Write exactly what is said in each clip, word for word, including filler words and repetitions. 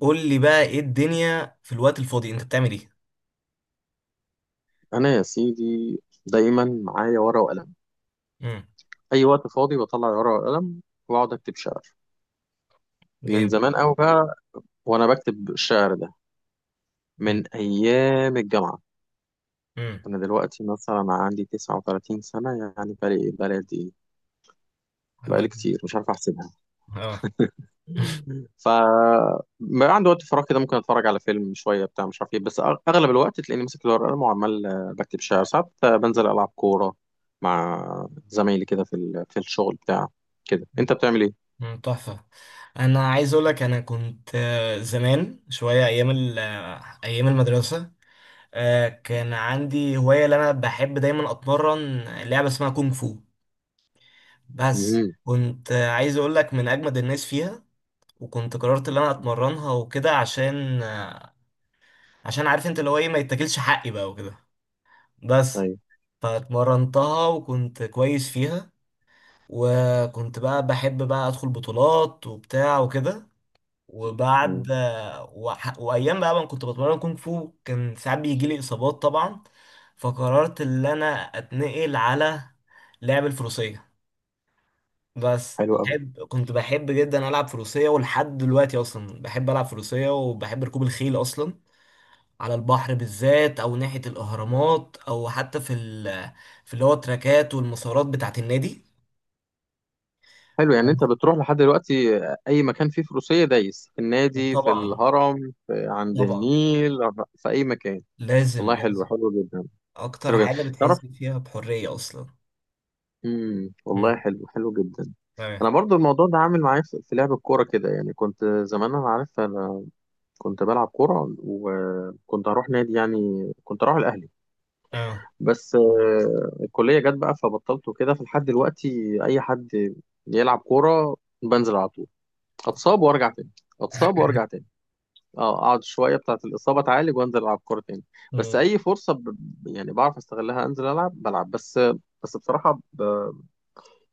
قول لي بقى ايه الدنيا في الوقت الفاضي، انت بتعمل ايه؟ انا يا سيدي دايما معايا ورقه وقلم. امم. اي وقت فاضي بطلع ورقه وقلم واقعد اكتب شعر، من جامد. زمان قوي بقى. وانا بكتب الشعر ده امم. من ايام الجامعه. امم. انا دلوقتي مثلا عندي تسعه وتلاتين سنه، يعني بقالي بلدي، هقول بقالي لك. كتير مش عارف احسبها. اه. ف ما عندي وقت فراغ كده، ممكن اتفرج على فيلم شويه بتاع مش عارف ايه، بس أغ- اغلب الوقت تلاقيني ماسك الورقه والقلم وعمال آه، بكتب شعر، ساعات آه، بنزل العب كوره مع زمايلي كده في ال- في الشغل بتاع كده. انت بتعمل ايه؟ مم، تحفة. أنا عايز أقولك أنا كنت آه، زمان شوية أيام ال- آه، أيام المدرسة. آه، كان عندي هواية اللي أنا بحب دايما أتمرن. لعبة اسمها كونغ فو. بس امم، كنت آه، عايز أقولك من أجمد الناس فيها. وكنت قررت اللي أنا أتمرنها وكده عشان آه، عشان عارف أنت اللي هو إيه ما يتاكلش حقي بقى وكده. بس طيب. فاتمرنتها وكنت كويس فيها. وكنت بقى بحب بقى ادخل بطولات وبتاع وكده. وبعد مم. وح... وايام بقى ما كنت بتمرن كونغ فو كان ساعات بيجي لي اصابات طبعا. فقررت ان انا اتنقل على لعب الفروسية. بس حلو قوي. بحب كنت بحب جدا العب فروسية ولحد دلوقتي اصلا بحب العب فروسية وبحب ركوب الخيل اصلا. على البحر بالذات او ناحية الاهرامات او حتى في ال في اللي هو التراكات والمسارات بتاعة النادي. حلو، يعني انت بتروح لحد دلوقتي آه، اي مكان فيه فروسيه، دايس في النادي، في طبعا. الهرم، في عند طبعا. النيل، في اي مكان. لازم والله حلو، لازم. حلو جدا. اكتر حلو جدا، حاجة بتحس تعرف. فيها بحرية اصلا. امم، والله امم. حلو، حلو جدا. تمام. انا برضو الموضوع ده عامل معايا في في لعب الكوره كده، يعني كنت زمان، انا عارف انا كنت بلعب كوره وكنت هروح نادي، يعني كنت اروح الاهلي، اه. بس آه، الكليه جت بقى فبطلت وكده. فلحد دلوقتي اي حد يلعب كوره بنزل على طول، اتصاب وارجع تاني، اتصاب وارجع تاني، اه اقعد شويه بتاعه الاصابه اتعالج وانزل العب كوره تاني. بس امم. اي فرصه، ب... يعني بعرف استغلها، انزل العب بلعب بس. بس بصراحه، ب...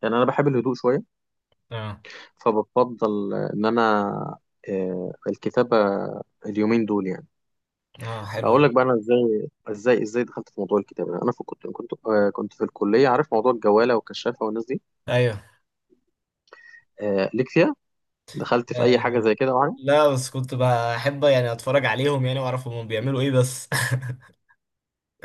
يعني انا بحب الهدوء شويه، اه. فبفضل ان انا آه، الكتابه، اليومين دول يعني. اه، حلوة اقول دي. لك بقى انا ازاي ازاي ازاي دخلت في موضوع الكتابه. انا في كنت كنت آه، كنت في الكليه، عارف موضوع الجواله والكشافه والناس دي؟ ايوه. آه، ليك فيها؟ دخلت في اي حاجه آه. زي كده معايا؟ لا بس كنت بحب يعني اتفرج عليهم يعني واعرف هم بيعملوا ايه بس.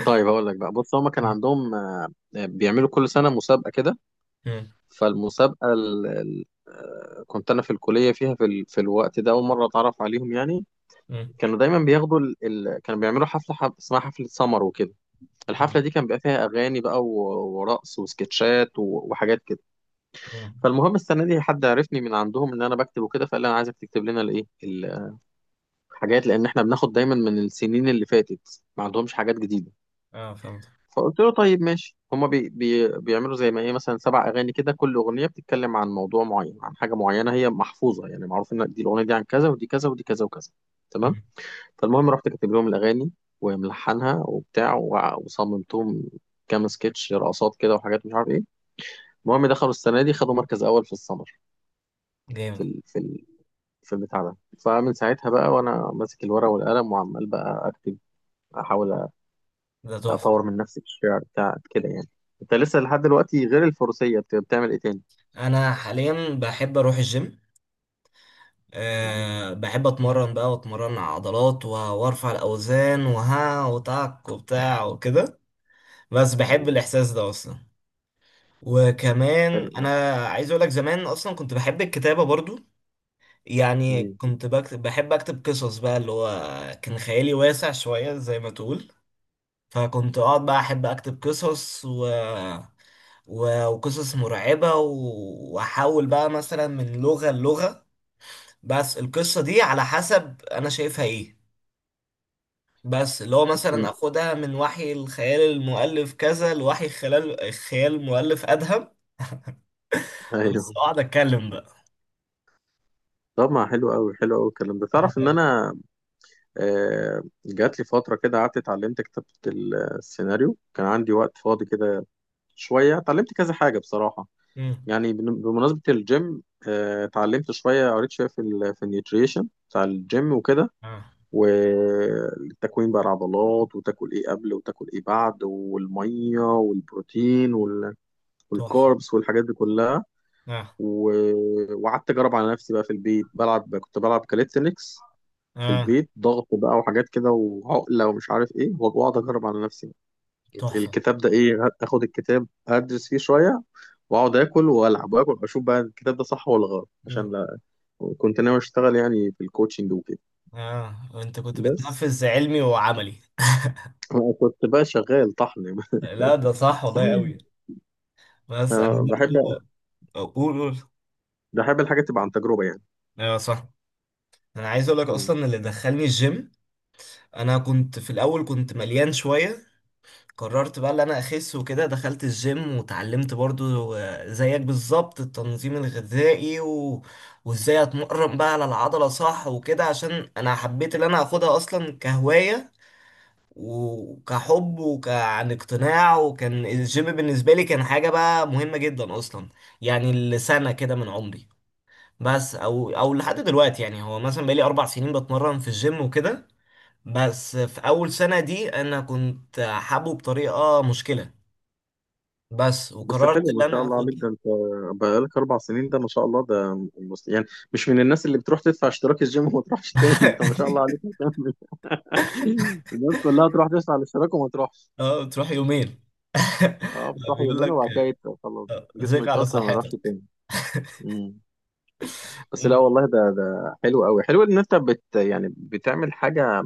طيب اقول لك بقى، بص هما كان مم. عندهم آه، آه، بيعملوا كل سنه مسابقه كده. مم. فالمسابقه ال... ال- آه، كنت انا في الكليه فيها، في, ال... في الوقت ده اول مره اتعرف عليهم يعني. مم. كانوا دايما بياخدوا ال... ال... كانوا بيعملوا حفله، حف... اسمها حفله سمر وكده. مم. الحفلة دي كان بيبقى فيها أغاني بقى و- ورقص وسكتشات و- وحاجات كده. مم. فالمهم السنة دي حد عرفني من عندهم إن أنا بكتب وكده، فقال لي أنا عايزك تكتب لنا الإيه، الحاجات، لأن إحنا بناخد دايما من السنين اللي فاتت ما عندهمش حاجات جديدة. اه، فهمت. فقلت له طيب ماشي. هما بي بي بيعملوا زي ما إيه، مثلا سبع أغاني كده، كل أغنية بتتكلم عن موضوع معين، عن حاجة معينة هي محفوظة يعني، معروف إن دي الأغنية دي عن كذا، ودي كذا، ودي كذا وكذا. تمام. مم. فالمهم رحت كاتب لهم الأغاني وملحنها وبتاع وع- وصممتهم كام سكتش، رقصات كده وحاجات مش عارف ايه. المهم دخلوا السنة دي خدوا مركز أول في السمر، في جامد. ال... في ال... في البتاع ده. فمن ساعتها بقى وأنا ماسك الورقة والقلم وعمال بقى أكتب، أحاول أ- ده تحفة. أطور من نفسي في الشعر بتاع كده يعني. أنت لسه لحد دلوقتي، غير الفروسية، بت- بتعمل إيه تاني؟ انا حاليا بحب اروح الجيم. تمام. أه، بحب اتمرن بقى واتمرن على عضلات و- وارفع الاوزان وها وتعك وبتاع وكده. بس بحب مم. الاحساس ده اصلا. وكمان حلو أوي. انا عايز اقول لك زمان اصلا كنت بحب الكتابة برضو. يعني مم. كنت بكتب بحب اكتب قصص بقى اللي هو كان خيالي واسع شوية زي ما تقول. فكنت اقعد بقى احب اكتب قصص و... و... وقصص مرعبة و- واحاول بقى مثلا من لغة للغة. بس القصة دي على حسب انا شايفها ايه. بس اللي هو مثلا اخدها من وحي الخيال المؤلف كذا لوحي خلال الخيال المؤلف ادهم. بس أيوه. اقعد اتكلم بقى. طب ما حلو أوي، حلو أوي الكلام ده. تعرف إن أنا آه، جات لي فترة كده قعدت اتعلمت كتابة السيناريو، كان عندي وقت فاضي كده، شوية اتعلمت كذا حاجة بصراحة. مم. يعني بن- بمناسبة الجيم، آه، اتعلمت شوية، قريت شوية في ال في النيوتريشن بتاع الجيم وكده، اه، والتكوين بقى العضلات، وتاكل ايه قبل وتاكل ايه بعد، والمية والبروتين وال- تحفه. والكاربس والحاجات دي كلها. اه. و- وقعدت اجرب على نفسي بقى في البيت، بلعب كنت بلعب كاليستنكس في اه، البيت، ضغط بقى وحاجات كده وعقلة ومش عارف ايه، واقعد اجرب على نفسي، تحفه. الكتاب ده ايه، اخد الكتاب ادرس فيه شوية، واقعد اكل والعب واكل اشوف بقى الكتاب ده صح ولا غلط، عشان مم. لا، كنت ناوي اشتغل يعني في الكوتشنج وكده. اه، انت كنت بس بتنفذ علمي وعملي. أنا كنت بقى شغال طحن. لا، ده صح والله قوي. بس انا فبحب برضه. اقول قول. بحب الحاجة تبقى عن تجربة يعني. ايوه صح. انا عايز اقول لك مم. اصلا اللي دخلني الجيم انا كنت في الاول كنت مليان شويه. قررت بقى اللي انا اخس وكده دخلت الجيم وتعلمت برضو آه، زيك بالظبط التنظيم الغذائي و... وازاي اتمرن بقى على العضلة صح وكده عشان انا حبيت اللي انا اخدها اصلا كهواية وكحب وكعن اقتناع. وكان الجيم بالنسبة لي كان حاجة بقى مهمة جدا اصلا. يعني لسنة كده من عمري. بس او او لحد دلوقتي يعني هو مثلا بقالي اربع سنين بتمرن في الجيم وكده. بس في اول سنة دي انا كنت حابه بطريقة مشكلة. بس بس وقررت حلو، ان ما شاء انا الله عليك، اخدها. ده انت بقالك اربع سنين، ده ما شاء الله، ده مس- يعني مش من الناس اللي بتروح تدفع اشتراك الجيم وما تروحش تاني، انت ما شاء الله عليك. الناس كلها تروح تدوس على الاشتراك وما تروحش. اه، تروح يومين. اه، لا، بتروح بيقول يمين لك. وبعد كده يت- خلاص، جسمه ذيك على يكسر ما يروحش صحتك. تاني. مم. بس لا أمم. والله، ده ده حلو قوي، حلو ان انت بت يعني بتعمل حاجه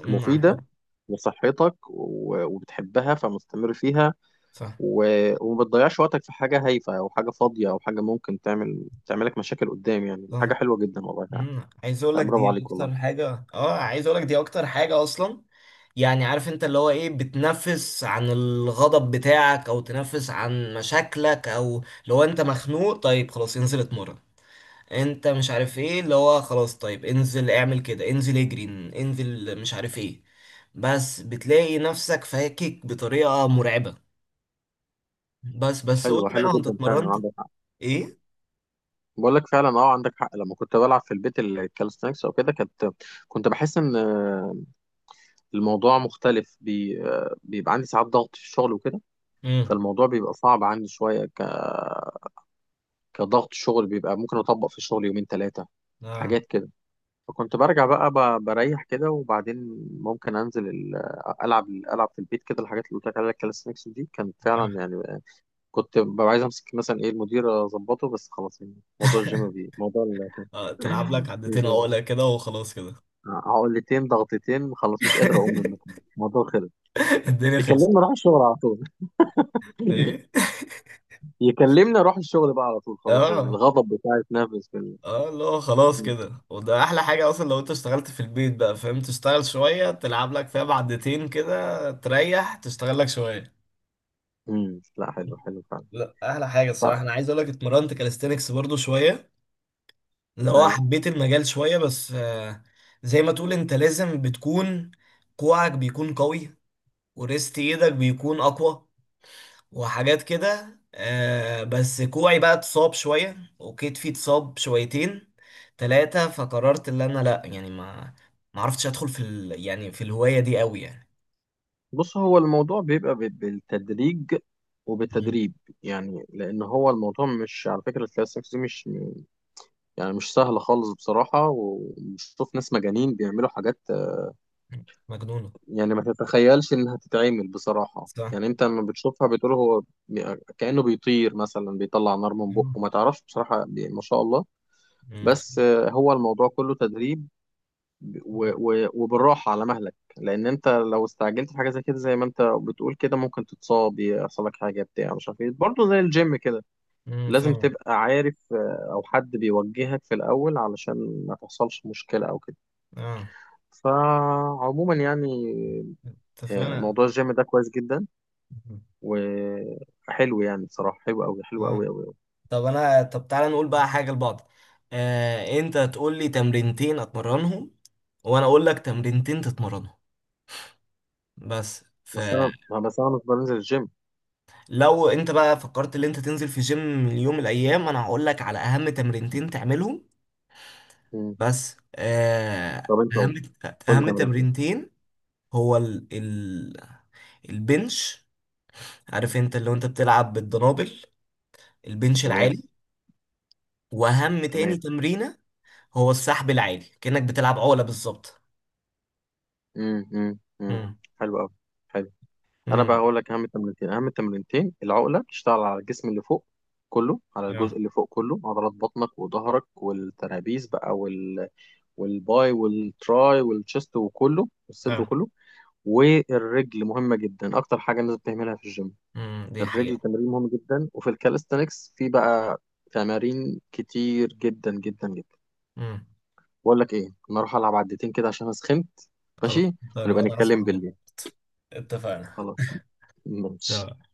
أمم، عن حب. مفيده لصحتك و- وبتحبها، فمستمر فيها، صح. و- وما بتضيعش وقتك في حاجه هايفه او حاجه فاضيه او حاجه ممكن تعمل تعملك مشاكل قدام، يعني حاجه صح. حلوه جدا، والله فعلا. أمم، عايز اقول لا، لك برافو دي عليك والله. اكتر حاجه. اه، عايز اقول لك دي اكتر حاجه اصلا. يعني عارف انت اللي هو ايه بتنفس عن الغضب بتاعك او تنفس عن مشاكلك او لو انت مخنوق طيب خلاص انزل اتمرن. انت مش عارف ايه اللي هو خلاص طيب انزل اعمل كده انزل اجري. انزل مش عارف ايه. بس بتلاقي نفسك فاكك بطريقة مرعبة. بس بس قول حلوه، لي بقى حلوه هو انت جدا فعلا اتمرنت عندك. ايه؟ بقول لك فعلا، اه عندك حق. لما كنت بلعب في البيت الكالستنكس او كده، كنت كنت بحس ان آه، الموضوع مختلف، بي... آه، بيبقى عندي ساعات ضغط في الشغل وكده. امم. فالموضوع بيبقى صعب عندي شويه، ك... كضغط شغل، بيبقى ممكن اطبق في الشغل يومين ثلاثه آه. حاجات كده. فكنت برجع بقى، ب... بريح كده، وبعدين ممكن انزل ال... العب، العب في البيت كده. الحاجات اللي قلت لك عليها الكالستنكس دي كانت آه. فعلا يعني آه، كنت ببقى عايز امسك مثلا ايه المدير اظبطه، بس خلاص. يعني موضوع الجيم، بي موضوع آه، تلعب لك عدتين ال... عقلة كده وخلاص كده. عقلتين ضغطتين، خلاص مش قادر اقوم من المكان، الموضوع خلص، الدنيا خلصت. يكلمني اروح الشغل على طول. ايه. يكلمني اروح الشغل بقى على طول، خلاص اه. الغضب بتاعي اتنفس في ال... اه اللي هو خلاص كده وده احلى حاجة اصلا لو انت اشتغلت في البيت بقى فاهم تشتغل شوية تلعب لك فيها بعدتين كده تريح تشتغل لك شوية. مم. لا حلو حلو فعلا. لا، احلى حاجه ف... الصراحه. انا عايز اقول لك اتمرنت كاليستينكس برضو شويه. اللي هو ايوه، حبيت المجال شويه بس آه، زي ما تقول انت لازم بتكون كوعك بيكون قوي. وريست ايدك بيكون اقوى. وحاجات كده آه، بس كوعي بقى اتصاب شويه وكتفي اتصاب شويتين ثلاثه. فقررت ان انا لا يعني ما ما عرفتش ادخل في ال... يعني في الهوايه دي قوي يعني. بص هو الموضوع بيبقى ب- بالتدريج مم. وبالتدريب، يعني لان هو الموضوع، مش على فكره الكلاس سكس دي مش، يعني مش سهل خالص بصراحه، وبشوف ناس مجانين بيعملوا حاجات مجنونه. يعني ما تتخيلش انها تتعمل بصراحة. صح. يعني انت لما بتشوفها بتقول هو بي- كأنه بيطير مثلا، بيطلع نار من بقه، مم. ما تعرفش بصراحة، بي- ما شاء الله. مم. بس آه، هو الموضوع كله تدريب و- و- وبالراحة على مهلك، لان انت لو استعجلت في حاجة زي كده، زي ما انت بتقول كده، ممكن تتصاب، يحصل لك حاجة بتاع مش عارف ايه، برضه زي الجيم كده مم. لازم فاهمة. تبقى عارف، آه، او حد بيوجهك في الاول علشان ما تحصلش مشكلة او كده. اه، فعموما يعني آه، اتفقنا. موضوع الجيم ده كويس جدا، وحلو يعني، بصراحة حلو أوي، حلو اه. أوي أوي أوي. طب انا طب تعالى نقول بقى حاجه لبعض. آه انت تقول لي تمرينتين اتمرنهم وانا اقول لك تمرينتين تتمرنهم. بس بس فلو أنا بس أنا مش بنزل الجيم. انت بقى فكرت ان انت تنزل في جيم اليوم من الايام انا هقول لك على اهم تمرينتين تعملهم. مم. بس آه طب أنت اهم قول، قول لي اهم تمرينتين. تمرينتين هو ال... ال... البنش. عارف انت اللي هو انت بتلعب بالدنابل. البنش تمام. العالي. واهم تمام. تاني تمرينة هو السحب العادي كأنك بتلعب عقلة بالظبط. مم. مم. مم. امم. حلو أوي. حلو. أنا بقى امم. هقول لك أهم التمرينتين. أهم التمرينتين، العقلة بتشتغل على الجسم اللي فوق، كله على اه. الجزء اللي فوق، كله عضلات بطنك وظهرك والترابيز بقى وال... والباي والتراي والتشست وكله، والصدر اه. وكله. والرجل مهمة جدا، أكتر حاجة الناس بتهملها في الجيم، امم، دي الرجل حقيقة. تمرين مهم جدا. وفي الكاليستانكس في بقى تمارين كتير جدا جدا جدا. امم. بقول لك ايه، انا اروح العب عدتين كده عشان انا سخنت. خلاص، ماشي، اتفقنا ونبقى وانا هسمع نتكلم بالليل. منك. اتفقنا. خلاص. ماشي. تمام.